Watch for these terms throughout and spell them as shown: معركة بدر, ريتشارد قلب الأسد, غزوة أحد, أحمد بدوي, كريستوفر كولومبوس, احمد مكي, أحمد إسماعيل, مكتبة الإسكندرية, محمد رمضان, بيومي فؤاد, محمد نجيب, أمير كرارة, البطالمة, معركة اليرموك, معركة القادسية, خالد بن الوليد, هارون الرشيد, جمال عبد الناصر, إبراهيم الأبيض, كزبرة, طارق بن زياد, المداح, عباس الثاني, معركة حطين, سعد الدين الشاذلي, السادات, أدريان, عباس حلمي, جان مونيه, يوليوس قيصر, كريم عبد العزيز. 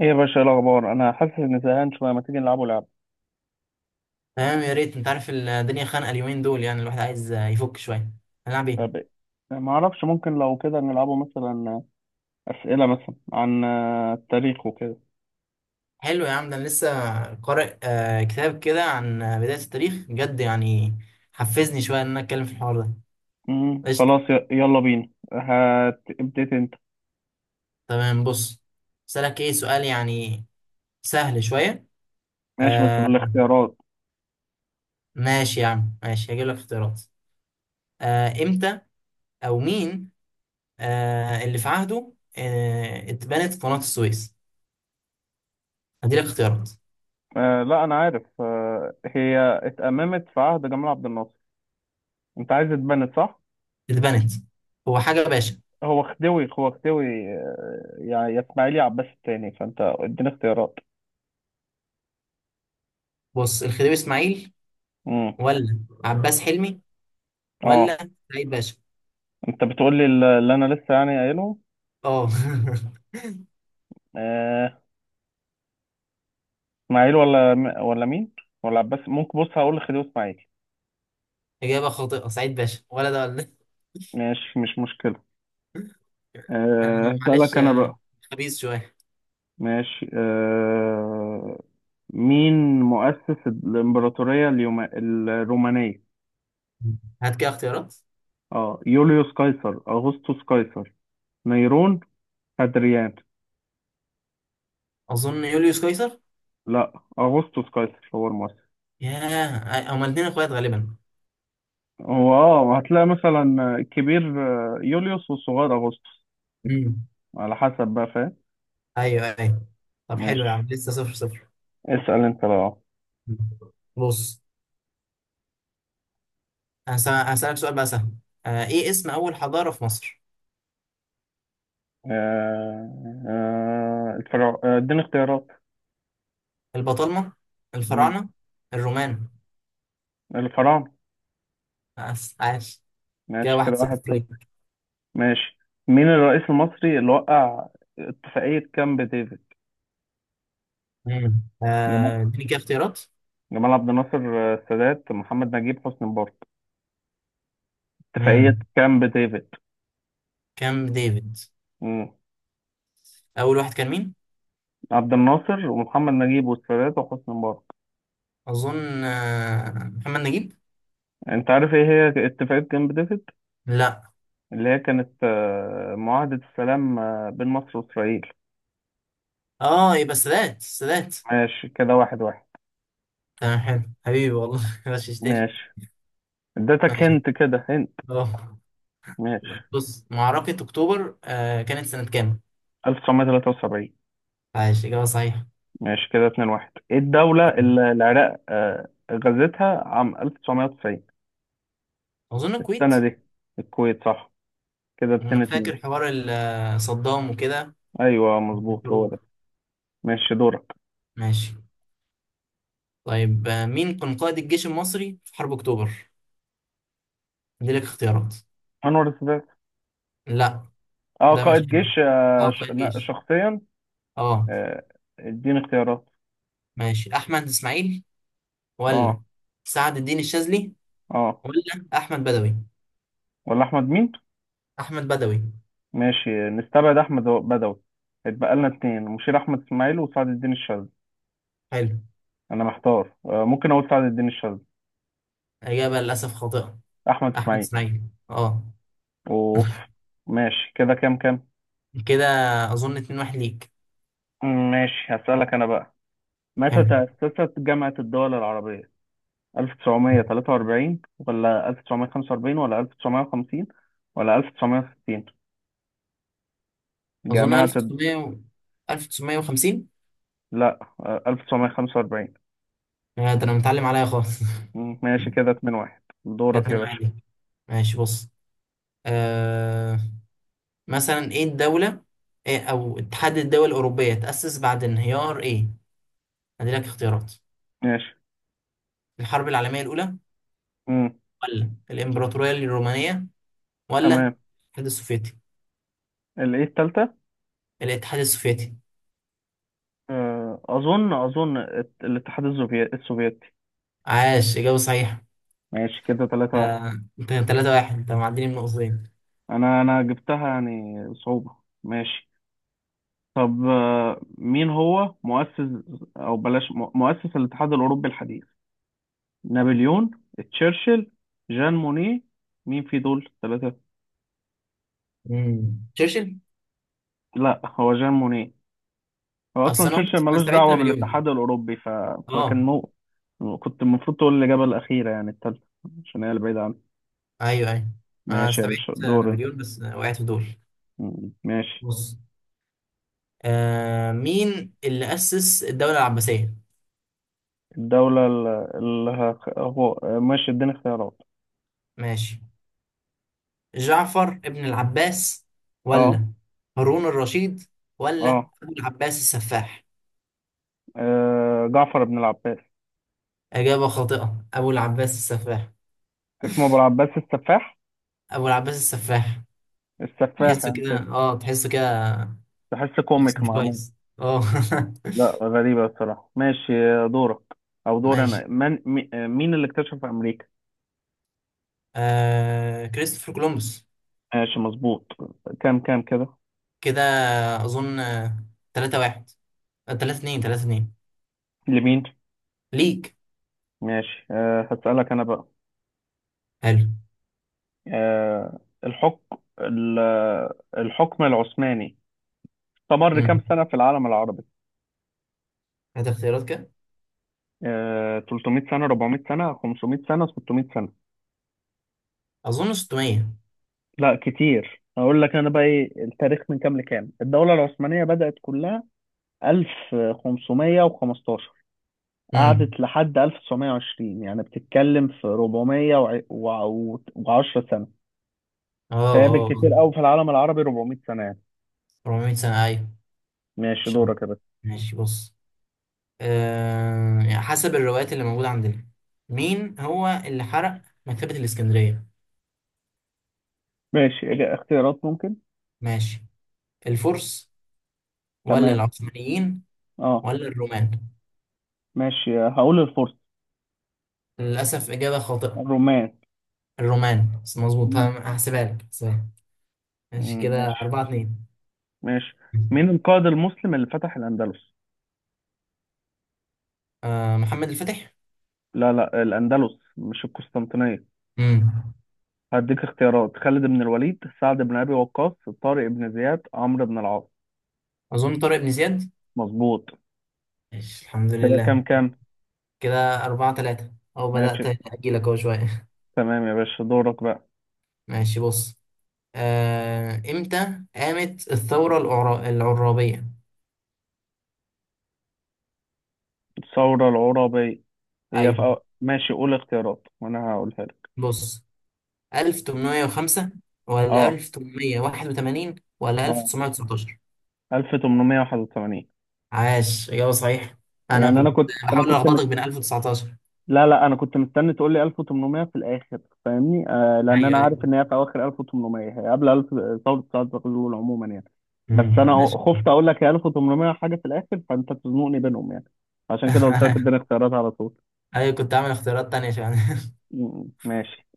ايه يا باشا، إيه الاخبار؟ انا حاسس اني زهقان شويه، ما تيجي نلعبوا لعبه؟ تمام، يا ريت. انت عارف الدنيا خانقه اليومين دول، يعني الواحد عايز يفك شويه. هنلعب ايه؟ طب إيه؟ ما اعرفش، ممكن لو كده نلعبوا مثلا اسئله مثلا عن التاريخ وكده. حلو يا عم، ده انا لسه قارئ كتاب كده عن بدايه التاريخ، بجد يعني حفزني شويه ان انا اتكلم في الحوار ده. قشطه. خلاص، يلا بينا، هتبتدي انت. تمام، بص. اسالك ايه؟ سؤال يعني سهل شويه. ماشي، بس آه، بالاختيارات. ماشي يا عم، ماشي، هجيب لك اختيارات. امتى او مين اللي في عهده اتبنت قناه السويس؟ هدي لك اختيارات. لا انا عارف، هي اتأممت في عهد جمال عبد الناصر. انت عايز اتبنت، صح؟ اتبنت. هو حاجه باشا. هو خديوي، هو خديوي. يعني يا اسماعيلي عباس التاني، فانت اديني اختيارات. بص، الخديوي اسماعيل، امم ولا عباس حلمي، اه. ولا سعيد باشا؟ انت بتقول لي اللي انا لسه يعني اه. قايلهم؟ اسماعيل ولا ولا مين؟ ولا عباس؟ ممكن بص، هقول لخديوي اسماعيل. إجابة خاطئة، سعيد باشا، ولا ده ولا ده. ماشي، مش مشكلة. أنا، معلش، هسألك أنا بقى. خبيث شوية. ماشي. مين مؤسس الإمبراطورية الرومانية؟ هات كده اختيارات. اه يوليوس قيصر، أغسطس قيصر، نيرون، أدريان. أظن يوليوس قيصر. لا، أغسطس قيصر هو المؤسس. ياه، هما الاتنين إخوات غالبا. هو هتلاقي مثلا الكبير، يوليوس والصغير أغسطس، امم على حسب بقى، فاهم؟ أيوه، أيوه. طب حلو يا عم، ماشي، لسه 0-0. اسأل انت بقى. بص، هسألك سؤال بقى سهل. إيه اسم أول حضارة في مصر؟ الفراعنة. اديني اختيارات. البطالمة، مم. الفراعنة، الرومان. الفراعنة. بس عاش. كده ماشي، كده واحد واحد صفر صفر. ليك. ماشي. مين الرئيس المصري اللي وقع اتفاقية كامب ديفيد؟ مم. جمال اديني كده اختيارات. جمال عبد الناصر، السادات، محمد نجيب، حسني مبارك. اتفاقية امم كامب ديفيد. كام ديفيد. مم. اول واحد كان مين؟ عبد الناصر ومحمد نجيب والسادات وحسني مبارك. اظن محمد نجيب. انت عارف ايه هي اتفاقية كامب ديفيد؟ لا، اللي هي كانت معاهدة السلام بين مصر وإسرائيل. اه، يبقى السادات، السادات. ماشي، كده واحد واحد. تمام، حلو حبيبي والله. غششتني. ماشي، اديتك، ماشي. هنت كده هنت. اه، ماشي. بص، معركة اكتوبر كانت سنة كام؟ 1973. عايش، اجابة صحيحة. ماشي، كده 2 1. ايه الدولة اللي العراق غزتها عام 1990؟ اظن الكويت. السنة دي، الكويت صح. كده انا 2 فاكر 2. حوار صدام وكده، ايوه، مظبوط هو الحروب. ده. ماشي، دورك. ماشي. طيب، مين كان قائد الجيش المصري في حرب اكتوبر؟ دي لك اختيارات. انور السادات. لا، اه ده مش، قائد جيش اه، قائد جيش، شخصيا. اه. آه، اديني اختيارات. ماشي، احمد اسماعيل، ولا اه. سعد الدين الشاذلي، اه. ولا احمد بدوي؟ ولا احمد مين؟ احمد بدوي. ماشي، نستبعد احمد بدوي. اتبقى لنا اتنين، مشير احمد اسماعيل وسعد الدين الشاذلي. حلو. انا محتار. ممكن اقول سعد الدين الشاذلي. اجابه للاسف خاطئه، احمد احمد اسماعيل؟ اسماعيل. اه. اوف. ماشي، كده كام كام؟ كده اظن 2 1 ليك. ماشي، هسألك انا بقى. متى حلو. تأسست جامعة الدول العربية؟ 1943 ولا 1945 ولا 1950 ولا 1960؟ اظن جامعة الد... 1900 1950. لا، 1945. ده انا متعلم عليا خالص. مم، ماشي، كده 2 1. كده دورك 2 يا 1 باشا. ليك. ماشي، بص. آه مثلا، ايه الدوله، إيه، او اتحاد الدول الاوروبيه تاسس بعد انهيار ايه؟ هدي لك اختيارات. ماشي. الحرب العالميه الاولى، مم، ولا الامبراطوريه الرومانيه، ولا تمام. الاتحاد السوفيتي؟ الايه التالتة. الاتحاد السوفيتي. اظن السوفيتي. عاش، إجابة صحيحة. ماشي، كده 3 1. انت 3-1. انت معديني من نقطتين. انا جبتها يعني صعوبة. ماشي. طب مين هو مؤسس، او بلاش مؤسس الاتحاد الاوروبي الحديث؟ نابليون، تشرشل، جان مونيه. مين في دول ثلاثة؟ مم. تشرشل. لا، هو جان مونيه. هو اصلا اصل انا تشرشل قلت انا ملوش استبعدت دعوة نابليون. بالاتحاد الاوروبي فكان اه. مو كنت المفروض تقول الاجابة الاخيرة يعني الثالثة، عشان هي اللي بعيدة عنها. ايوه، ايوه. انا ماشي يا باشا، استبعدت دور انت. نابليون بس وقعت في دول. ماشي. بص، مين اللي اسس الدوله العباسيه؟ الدولة اللي هخ... هو ماشي، اديني اختيارات. ماشي، جعفر ابن العباس، اه. ولا هارون الرشيد، ولا اه. ابو العباس السفاح؟ جعفر بن العباس. اجابه خاطئه، ابو العباس السفاح. اسمه ابو العباس السفاح. ابو العباس السفاح. السفاح، تحسه يعني كده، تحس، اه، تحسه كده. تحس شخص كوميك مش معمول. كويس. اه. لا، غريبة الصراحة. ماشي، دورك. أو دور أنا، ماشي، من مين اللي اكتشف أمريكا؟ كريستوفر كولومبوس. ماشي، مظبوط. كام كام كده؟ كده اظن 3-1. 3-2، 3-2 لمين؟ ليك. ماشي. هسألك أنا بقى. حلو. أه الحكم ال- الحكم العثماني استمر كام امم سنة في العالم العربي؟ هات اختيارات. كده 300 سنة، 400 سنة، 500 سنة، 600 سنة؟ اظن 600. لا كتير. أقول لك أنا بقى إيه التاريخ من كام لكام؟ الدولة العثمانية بدأت كلها 1515، امم قعدت لحد 1920، يعني بتتكلم في 410 سنة. اه، فهي اه، بالكتير آه. قوي في العالم العربي 400 سنة يعني. 400 سنة، ايوه إن ماشي، شاء الله. دورك يا باشا. ماشي، بص. يعني حسب الروايات اللي موجودة عندنا، مين هو اللي حرق مكتبة الإسكندرية؟ ماشي. اختيارات ممكن. ماشي، الفرس، ولا تمام. العثمانيين، اه. ولا الرومان؟ ماشي، هقول الفرس. للأسف إجابة خاطئة. الرومان. الرومان، بس مظبوط. مم. هحسبها لك، هحسبها لك. ماشي، مم، كده ماشي. 4-2. ماشي. مين القائد المسلم اللي فتح الأندلس؟ محمد الفاتح. لا، لا، الأندلس مش القسطنطينية. امم هديك اختيارات، خالد بن الوليد، سعد بن أبي وقاص، طارق بن زياد، عمرو بن العاص. أظن طارق بن زياد. مظبوط. ماشي، الحمد كده لله. كام كام؟ كده 4-3، أو ماشي، بدأت أجيلك أهو شوية. تمام يا باشا، دورك بقى. ماشي، بص. إمتى قامت الثورة العرابية؟ الثورة العرابية. هي في أيوة، ماشي، قول اختيارات وانا هقولها لك. بص. 1805، ولا اه 1881، ولا اه 1919؟ 1881. عاش، إجابة صحيحة. أنا يعني كنت بحاول ألخبطك بين 1019. لا، لا، انا كنت مستني تقول لي 1800 في الاخر، فاهمني. لان انا ايوه، ايوه. عارف ان هي في اواخر 1800، هي قبل 1000. ثورة سعد زغلول عموما يعني. بس امم احنا انا ش... خفت اقول لك هي 1800 حاجة في الاخر، فانت تزنقني بينهم يعني. عشان كده قلت لك اديني اختيارات على طول. ايوه، كنت عامل اختيارات تانية عشان. ماشي.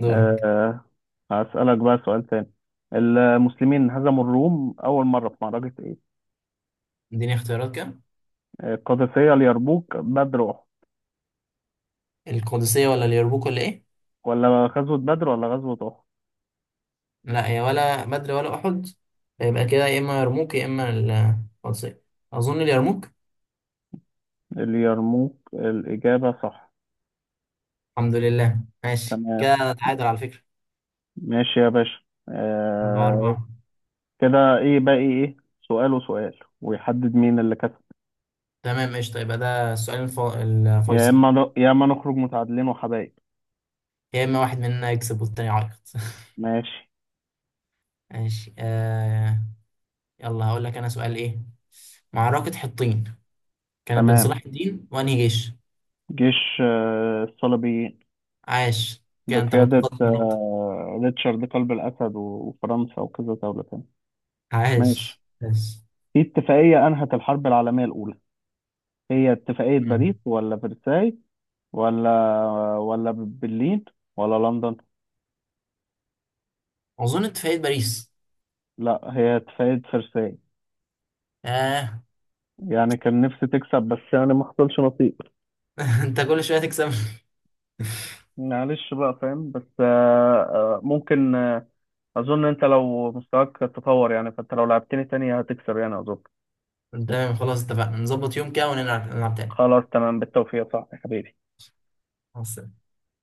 دورك. آه، هسألك بقى سؤال تاني. المسلمين هزموا الروم أول مرة في معركة إيه؟ اديني اختيارات كام؟ القادسية، اليرموك، بدر، أحد. القدسية، ولا اليرموك، ولا ايه؟ ولا غزوة بدر ولا غزوة أحد؟ لا، هي ولا بدر ولا احد. يبقى كده يا اما يرموك يا اما القدسية. اظن اليرموك. اليرموك الإجابة صح. الحمد لله. ماشي، تمام. كده نتعادل على فكرة. ماشي يا باشا. أربعة آه أربعة كده إيه باقي، إيه؟ إيه؟ سؤال وسؤال ويحدد مين اللي كسب. تمام، قشطة. يبقى ده السؤال يا الفيصل. إما يا إما نخرج متعادلين وحبايب. يا اما واحد مننا يكسب، والتاني يعيط. ماشي. ماشي. يلا هقول لك انا سؤال. ايه معركة حطين كانت بين تمام. صلاح الدين وانهي جيش؟ جيش الصليبيين. عاش، كده انت بقيادة متقدم بنقطة. ريتشارد قلب الأسد وفرنسا وكذا دولة تانية. عاش، ماشي. عاش. في اتفاقية أنهت الحرب العالمية الأولى، هي اتفاقية باريس مم. ولا فرساي ولا ولا برلين ولا لندن؟ اظن انت في عيد باريس. لا، هي اتفاقية فرساي. آه. يعني كان نفسي تكسب بس يعني ما حصلش نصيب. انت كل شوية تكسب. معلش بقى، فاهم؟ بس ممكن، أظن أنت لو مستواك تطور يعني، فأنت لو لعبتني تاني هتكسب يعني، أظن. تمام، خلاص اتفقنا. نظبط يوم كده ونلعب نلعب تاني. خلاص تمام، بالتوفيق، صح يا حبيبي. مع السلامة.